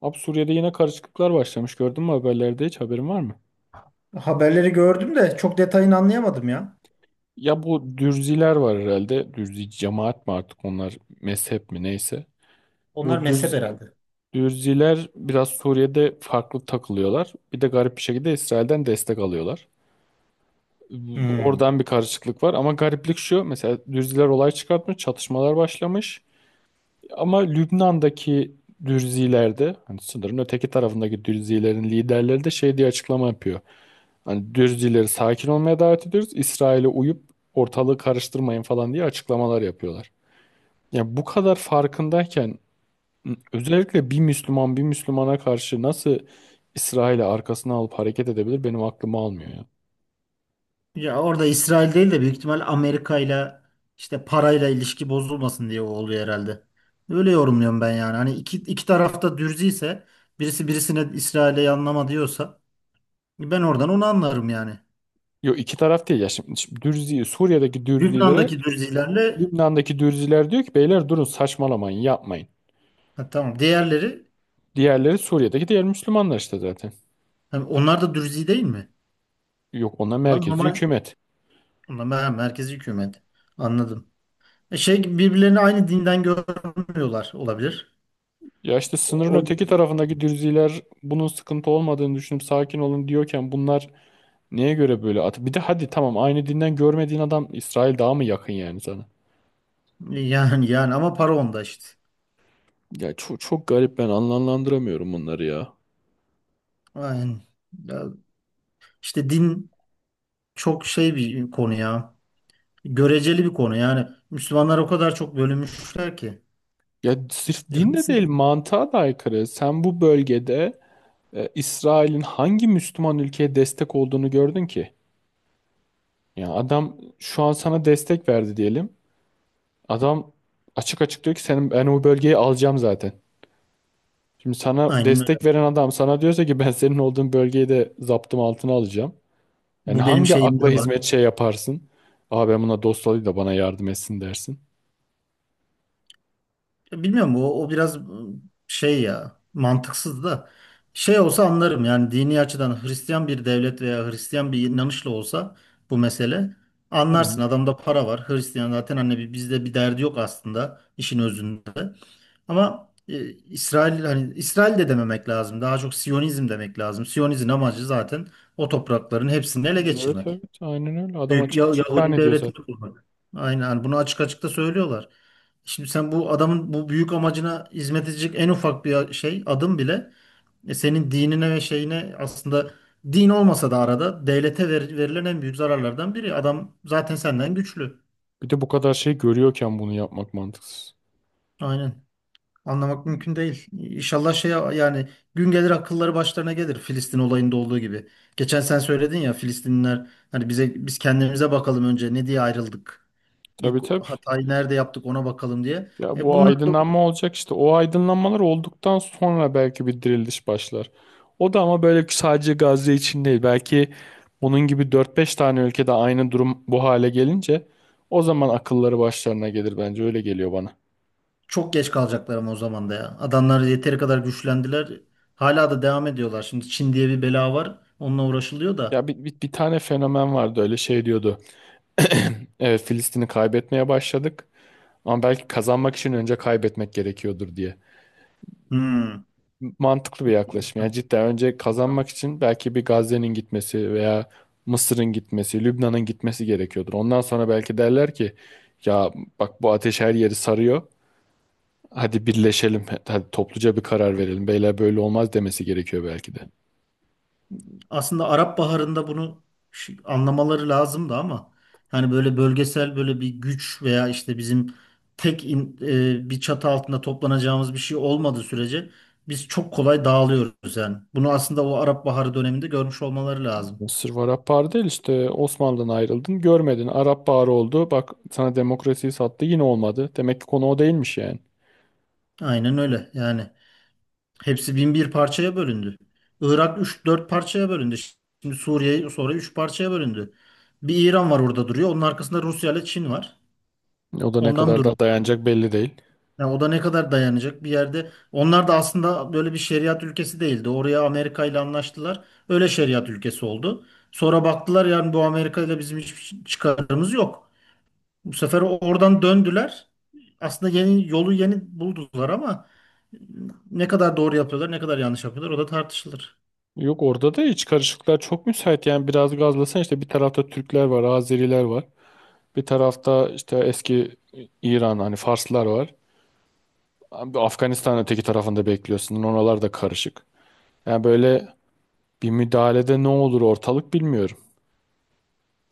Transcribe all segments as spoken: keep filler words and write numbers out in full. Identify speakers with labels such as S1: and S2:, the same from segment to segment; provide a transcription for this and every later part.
S1: Abi Suriye'de yine karışıklıklar başlamış. Gördün mü haberlerde hiç haberin var mı?
S2: Haberleri gördüm de çok detayını anlayamadım ya.
S1: Ya bu Dürziler var herhalde. Dürzi cemaat mi artık onlar mezhep mi neyse.
S2: Onlar
S1: Bu
S2: mezhep
S1: Dürz,
S2: herhalde.
S1: Dürziler biraz Suriye'de farklı takılıyorlar. Bir de garip bir şekilde İsrail'den destek alıyorlar.
S2: Hmm.
S1: Oradan bir karışıklık var ama gariplik şu. Mesela Dürziler olay çıkartmış, çatışmalar başlamış. Ama Lübnan'daki Dürzilerde, hani sınırın öteki tarafındaki Dürzilerin liderleri de şey diye açıklama yapıyor. Hani Dürzileri sakin olmaya davet ediyoruz. İsrail'e uyup ortalığı karıştırmayın falan diye açıklamalar yapıyorlar. Ya bu kadar farkındayken özellikle bir Müslüman bir Müslümana karşı nasıl İsrail'i arkasına alıp hareket edebilir benim aklımı almıyor ya.
S2: Ya orada İsrail değil de büyük ihtimal Amerika ile işte parayla ilişki bozulmasın diye o oluyor herhalde. Öyle yorumluyorum ben yani. Hani iki, iki tarafta dürzi ise birisi birisine İsrail'e yanlama diyorsa ben oradan onu anlarım yani.
S1: Yo iki taraf değil ya şimdi, şimdi Dürzi, Suriye'deki Dürzilere
S2: Lübnan'daki dürzilerle.
S1: Lübnan'daki Dürziler diyor ki beyler durun saçmalamayın yapmayın.
S2: Ha, tamam, diğerleri.
S1: Diğerleri Suriye'deki diğer Müslümanlar işte zaten.
S2: Hani onlar da dürzi değil mi?
S1: Yok ona
S2: Lan,
S1: merkezi
S2: normal,
S1: hükümet.
S2: onlar mer- merkezi hükümet. Anladım. E şey gibi birbirlerini aynı dinden görmüyorlar olabilir.
S1: Ya işte sınırın
S2: O,
S1: öteki tarafındaki dürziler bunun sıkıntı olmadığını düşünüp sakin olun diyorken bunlar neye göre böyle at? Bir de hadi tamam aynı dinden görmediğin adam İsrail daha mı yakın yani sana?
S2: yani yani ama para onda işte.
S1: Ya çok çok garip ben anlamlandıramıyorum bunları ya.
S2: Aynen. Ya, işte din çok şey bir konu ya. Göreceli bir konu yani. Müslümanlar o kadar çok bölünmüşler ki.
S1: Ya sırf
S2: Ya,
S1: din de
S2: hepsi
S1: değil mantığa da aykırı. Sen bu bölgede e, İsrail'in hangi Müslüman ülkeye destek olduğunu gördün ki? Ya adam şu an sana destek verdi diyelim. Adam açık açık diyor ki senin ben o bölgeyi alacağım zaten. Şimdi sana
S2: aynen
S1: destek
S2: öyle.
S1: veren adam sana diyorsa ki ben senin olduğun bölgeyi de zaptım altına alacağım. Yani
S2: Bu benim
S1: hangi
S2: şeyimde
S1: akla
S2: var.
S1: hizmet şey yaparsın? Aa ben buna dost olayım da bana yardım etsin dersin.
S2: Ya, Bilmiyorum, o, o biraz ıı, şey ya, mantıksız da. Şey olsa anlarım yani, dini açıdan Hristiyan bir devlet veya Hristiyan bir inanışla olsa bu mesele,
S1: Hı
S2: anlarsın
S1: hı.
S2: adamda para var. Hristiyan zaten, hani bir- bizde bir derdi yok aslında işin özünde. Ama e, İsrail, hani İsrail de dememek lazım. Daha çok Siyonizm demek lazım. Siyonizm amacı zaten o toprakların hepsini ele
S1: Evet
S2: geçirmek.
S1: evet aynen öyle. Adam
S2: Büyük
S1: açık
S2: Ya-
S1: açık ilan
S2: Yahudi
S1: ediyor
S2: devletini
S1: zaten.
S2: kurmak. Aynen, hani bunu açık açık da söylüyorlar. Şimdi sen bu adamın bu büyük amacına hizmet edecek en ufak bir şey, adım bile, e, senin dinine ve şeyine, aslında din olmasa da arada devlete ver- verilen en büyük zararlardan biri. Adam zaten senden güçlü.
S1: Bir de bu kadar şey görüyorken bunu yapmak mantıksız.
S2: Aynen. Anlamak mümkün değil. İnşallah şey yani, gün gelir akılları başlarına gelir Filistin olayında olduğu gibi. Geçen sen söyledin ya, Filistinliler hani, bize, biz kendimize bakalım önce ne diye ayrıldık. İlk
S1: Tabii tabii.
S2: hatayı nerede yaptık ona bakalım diye.
S1: Ya
S2: E
S1: bu
S2: bunlar da
S1: aydınlanma olacak işte. O aydınlanmalar olduktan sonra belki bir diriliş başlar. O da ama böyle sadece Gazze için değil. Belki bunun gibi dört beş tane ülkede aynı durum bu hale gelince o zaman akılları başlarına gelir bence. Öyle geliyor bana.
S2: çok geç kalacaklar ama o zaman da ya. Adamlar yeteri kadar güçlendiler. Hala da devam ediyorlar. Şimdi Çin diye bir bela var. Onunla uğraşılıyor da.
S1: Ya bir, bir, bir tane fenomen vardı öyle şey diyordu. Evet Filistin'i kaybetmeye başladık. Ama belki kazanmak için önce kaybetmek gerekiyordur diye.
S2: Hmm.
S1: Mantıklı bir yaklaşım. Yani cidden önce kazanmak için belki bir Gazze'nin gitmesi veya Mısır'ın gitmesi, Lübnan'ın gitmesi gerekiyordur. Ondan sonra belki derler ki ya bak bu ateş her yeri sarıyor. Hadi birleşelim. Hadi topluca bir karar verelim. Beyler böyle olmaz demesi gerekiyor belki de.
S2: Aslında Arap Baharı'nda bunu ş- anlamaları lazımdı ama hani böyle bölgesel, böyle bir güç veya işte bizim tek in- e, bir çatı altında toplanacağımız bir şey olmadığı sürece biz çok kolay dağılıyoruz yani. Bunu aslında o Arap Baharı döneminde görmüş olmaları lazım.
S1: Mısır var Arap Baharı değil işte Osmanlı'dan ayrıldın görmedin. Arap Baharı oldu. Bak sana demokrasiyi sattı yine olmadı. Demek ki konu o değilmiş yani.
S2: Aynen öyle yani. Hepsi bin bir parçaya bölündü. Irak üç dört parçaya bölündü. Şimdi Suriye sonra üç parçaya bölündü. Bir İran var, orada duruyor. Onun arkasında Rusya ile Çin var.
S1: O da ne
S2: Ondan
S1: kadar da
S2: duruyor.
S1: dayanacak belli değil.
S2: Yani o da ne kadar dayanacak bir yerde. Onlar da aslında böyle bir şeriat ülkesi değildi. Oraya Amerika ile anlaştılar. Öyle şeriat ülkesi oldu. Sonra baktılar yani bu Amerika ile bizim hiçbir şey, çıkarımız yok. Bu sefer oradan döndüler. Aslında yeni yolu yeni buldular ama ne kadar doğru yapıyorlar, ne kadar yanlış yapıyorlar o da tartışılır.
S1: Yok orada da iç karışıklıklar çok müsait. Yani biraz gazlasan işte bir tarafta Türkler var, Azeriler var. Bir tarafta işte eski İran hani Farslar var. Abi Afganistan öteki tarafında bekliyorsun. Oralar da karışık. Yani böyle bir müdahalede ne olur ortalık bilmiyorum.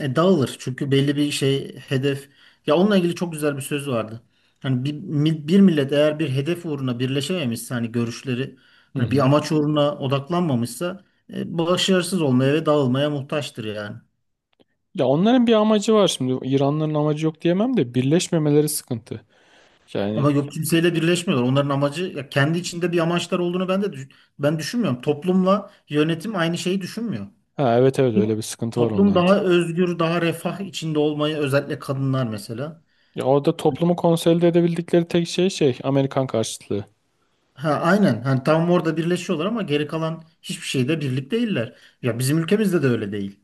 S2: E, dağılır çünkü belli bir şey, hedef. Ya onunla ilgili çok güzel bir söz vardı. Hani bir, mi- bir millet eğer bir hedef uğruna birleşememişse, hani görüşleri,
S1: Hı
S2: hani bir
S1: hı.
S2: amaç uğruna odaklanmamışsa, e, başarısız olmaya ve dağılmaya muhtaçtır yani.
S1: Ya onların bir amacı var şimdi. İranların amacı yok diyemem de birleşmemeleri sıkıntı. Yani
S2: Ama yok, kimseyle birleşmiyorlar. Onların amacı, ya kendi içinde bir amaçlar olduğunu ben de düş- ben düşünmüyorum. Toplumla yönetim aynı şeyi düşünmüyor.
S1: ha, evet evet öyle bir sıkıntı var
S2: Toplum
S1: onlarda.
S2: daha özgür, daha refah içinde olmayı, özellikle kadınlar mesela.
S1: Ya orada toplumu konsolide edebildikleri tek şey şey Amerikan karşıtlığı.
S2: Ha, aynen. Hani tam orada birleşiyorlar ama geri kalan hiçbir şeyde birlik değiller. Ya bizim ülkemizde de öyle değil.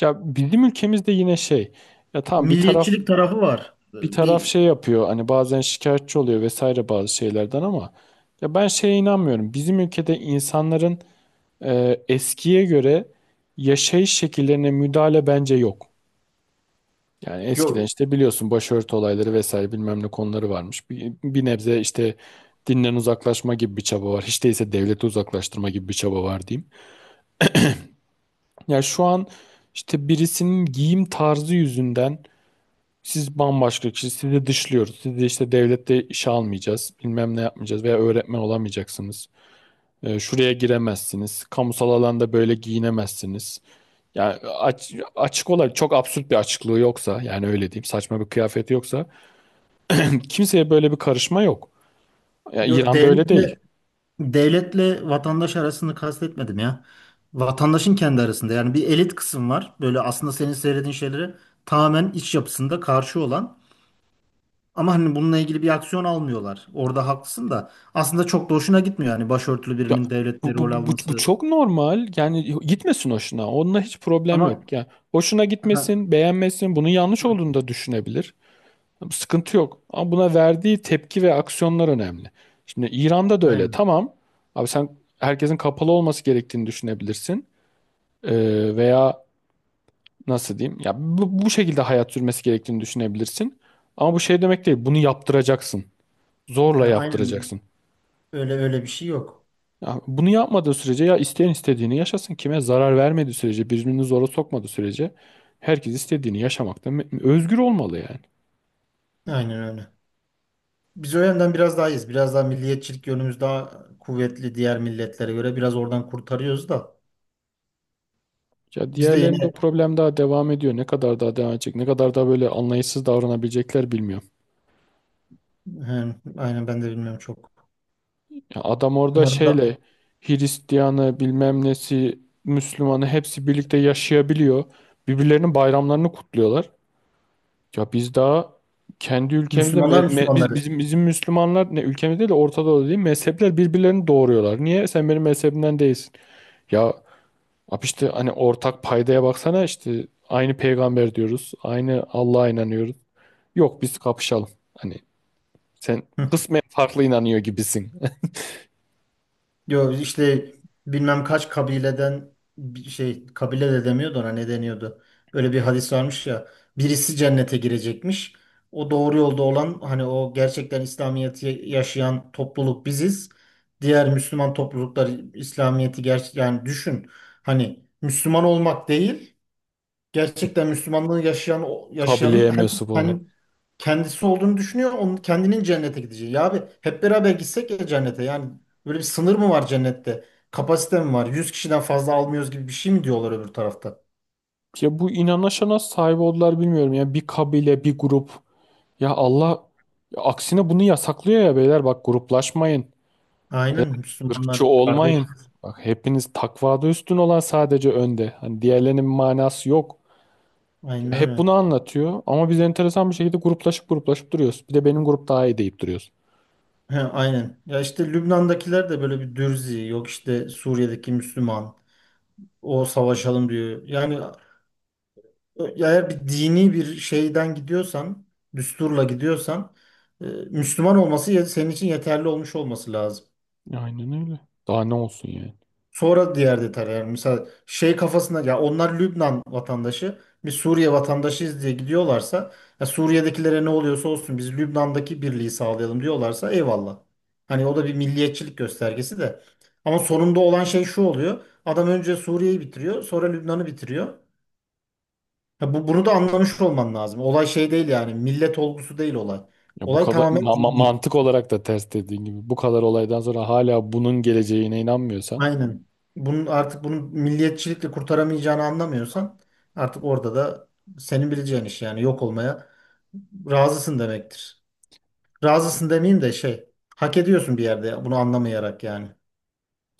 S1: Ya bizim ülkemizde yine şey ya tamam bir taraf
S2: Milliyetçilik tarafı var.
S1: bir taraf
S2: Bir
S1: şey yapıyor hani bazen şikayetçi oluyor vesaire bazı şeylerden ama ya ben şeye inanmıyorum. Bizim ülkede insanların e, eskiye göre yaşayış şekillerine müdahale bence yok. Yani eskiden işte biliyorsun başörtü olayları vesaire bilmem ne konuları varmış. Bir, bir nebze işte dinden uzaklaşma gibi bir çaba var. Hiç değilse devlete uzaklaştırma gibi bir çaba var diyeyim. Ya şu an işte birisinin giyim tarzı yüzünden siz bambaşka kişi, sizi dışlıyoruz. Sizi işte devlette işe almayacağız, bilmem ne yapmayacağız veya öğretmen olamayacaksınız. Ee, şuraya giremezsiniz, kamusal alanda böyle giyinemezsiniz. Yani aç- açık olarak çok absürt bir açıklığı yoksa, yani öyle diyeyim, saçma bir kıyafeti yoksa kimseye böyle bir karışma yok. Ya
S2: Yok.
S1: İran'da öyle değil.
S2: devletle devletle vatandaş arasını kastetmedim ya. Vatandaşın kendi arasında yani bir elit kısım var. Böyle aslında senin söylediğin şeyleri tamamen iç yapısında karşı olan ama hani bununla ilgili bir aksiyon almıyorlar. Orada haklısın da aslında çok da hoşuna gitmiyor yani başörtülü
S1: Ya,
S2: birinin devletle
S1: bu, bu,
S2: rol
S1: bu, bu bu
S2: alması.
S1: çok normal. Yani gitmesin hoşuna. Onunla hiç problem
S2: Ama
S1: yok. Yani hoşuna
S2: ha,
S1: gitmesin, beğenmesin, bunun yanlış olduğunu da düşünebilir. Sıkıntı yok. Ama buna verdiği tepki ve aksiyonlar önemli. Şimdi İran'da da öyle.
S2: aynen.
S1: Tamam. Abi sen herkesin kapalı olması gerektiğini düşünebilirsin. Ee, veya nasıl diyeyim? Ya bu, bu şekilde hayat sürmesi gerektiğini düşünebilirsin. Ama bu şey demek değil. Bunu yaptıracaksın.
S2: Ha,
S1: Zorla
S2: aynen.
S1: yaptıracaksın.
S2: Öyle öyle bir şey yok.
S1: Ya bunu yapmadığı sürece ya isteyen istediğini yaşasın. Kime zarar vermediği sürece, birbirini zora sokmadığı sürece herkes istediğini yaşamakta me- özgür olmalı yani.
S2: Aynen öyle. Biz o yönden biraz daha iyiyiz. Biraz daha milliyetçilik yönümüz daha kuvvetli diğer milletlere göre. Biraz oradan kurtarıyoruz da.
S1: Ya
S2: Biz de
S1: diğerlerinde o
S2: yine
S1: problem daha devam ediyor. Ne kadar daha devam edecek? Ne kadar daha böyle anlayışsız davranabilecekler bilmiyorum.
S2: He, aynen, ben de bilmiyorum çok.
S1: Ya adam orada
S2: Umarım da.
S1: şeyle Hristiyanı bilmem nesi Müslümanı hepsi birlikte yaşayabiliyor. Birbirlerinin bayramlarını kutluyorlar. Ya biz daha kendi ülkemizde me-
S2: Müslümanlar
S1: me- biz-
S2: Müslümanları.
S1: bizim bizim Müslümanlar ne ülkemizde değil de Orta Doğu'da değil mezhepler birbirlerini doğuruyorlar. Niye? Sen benim mezhebimden değilsin. Ya abi işte hani ortak paydaya baksana işte aynı peygamber diyoruz. Aynı Allah'a inanıyoruz. Yok biz kapışalım. Hani sen kısmen farklı inanıyor gibisin.
S2: Yo işte, bilmem kaç kabileden bir şey, kabile de demiyordu, ona ne deniyordu. Öyle bir hadis varmış ya. Birisi cennete girecekmiş. O doğru yolda olan, hani o gerçekten İslamiyet'i yaşayan topluluk biziz. Diğer Müslüman topluluklar İslamiyet'i gerçek, yani düşün. Hani Müslüman olmak değil, gerçekten Müslümanlığı yaşayan, yaşayanın,
S1: Kabileye
S2: herkes
S1: mensup
S2: kendi-
S1: olmak.
S2: kendisi olduğunu düşünüyor. Onun, kendinin cennete gideceği. Ya abi, hep beraber gitsek ya cennete. Yani böyle bir sınır mı var cennette? Kapasite mi var? Yüz kişiden fazla almıyoruz gibi bir şey mi diyorlar öbür tarafta?
S1: Ya bu inanışa nasıl sahip oldular bilmiyorum. Ya bir kabile, bir grup. Ya Allah ya aksine bunu yasaklıyor ya beyler. Bak gruplaşmayın. Beyler,
S2: Aynen,
S1: ırkçı
S2: Müslümanlar kardeş.
S1: olmayın. Bak hepiniz takvada üstün olan sadece önde. Hani diğerlerinin bir manası yok.
S2: Aynen
S1: Hep
S2: öyle.
S1: bunu anlatıyor ama biz enteresan bir şekilde gruplaşıp gruplaşıp duruyoruz. Bir de benim grup daha iyi deyip duruyoruz.
S2: He, aynen. Ya işte Lübnan'dakiler de böyle bir dürzi. Yok, işte Suriye'deki Müslüman. O savaşalım diyor. Yani. Ya, eğer bir dini bir şeyden gidiyorsan, düsturla gidiyorsan, e, Müslüman olması, ya- senin için yeterli olmuş olması lazım.
S1: Aynen öyle. Daha ne olsun yani.
S2: Sonra diğer detay, yani mesela şey kafasında, ya onlar Lübnan vatandaşı, biz Suriye vatandaşıyız diye gidiyorlarsa, ya Suriye'dekilere ne oluyorsa olsun biz Lübnan'daki birliği sağlayalım diyorlarsa eyvallah. Hani o da bir milliyetçilik göstergesi de. Ama sonunda olan şey şu oluyor. Adam önce Suriye'yi bitiriyor, sonra Lübnan'ı bitiriyor. Ya, bu, bunu da anlamış olman lazım. Olay şey değil yani. Millet olgusu değil olay.
S1: Ya bu
S2: Olay
S1: kadar
S2: tamamen
S1: ma- ma-
S2: dini.
S1: mantık olarak da ters dediğin gibi bu kadar olaydan sonra hala bunun geleceğine inanmıyorsan
S2: Aynen. Bunun artık, bunu milliyetçilikle kurtaramayacağını anlamıyorsan, artık orada da senin bileceğin iş yani, yok olmaya razısın demektir. Razısın demeyeyim de şey, hak ediyorsun bir yerde bunu anlamayarak yani.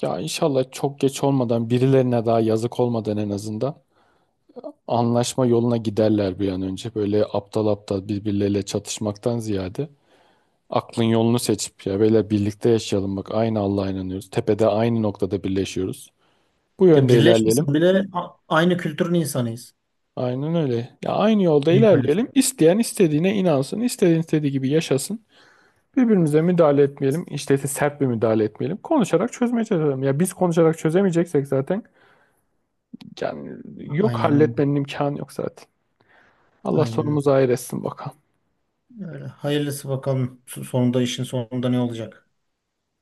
S1: ya inşallah çok geç olmadan birilerine daha yazık olmadan en azından anlaşma yoluna giderler bir an önce. Böyle aptal aptal birbirleriyle çatışmaktan ziyade aklın yolunu seçip ya böyle birlikte yaşayalım bak aynı Allah'a inanıyoruz. Tepede aynı noktada birleşiyoruz. Bu
S2: Ya
S1: yönde ilerleyelim.
S2: birleşmesen bile a- aynı kültürün insanıyız.
S1: Aynen öyle. Ya aynı yolda
S2: İyi paylaşım.
S1: ilerleyelim. İsteyen istediğine inansın, istediğin istediği gibi yaşasın. Birbirimize müdahale etmeyelim. İşte ise sert bir müdahale etmeyelim. Konuşarak çözmeye çalışalım. Ya biz konuşarak çözemeyeceksek zaten yani yok
S2: Aynen öyle.
S1: halletmenin imkanı yok zaten. Allah
S2: Aynen öyle.
S1: sonumuzu hayır etsin bakalım.
S2: Öyle. Hayırlısı bakalım, sonunda, işin sonunda ne olacak.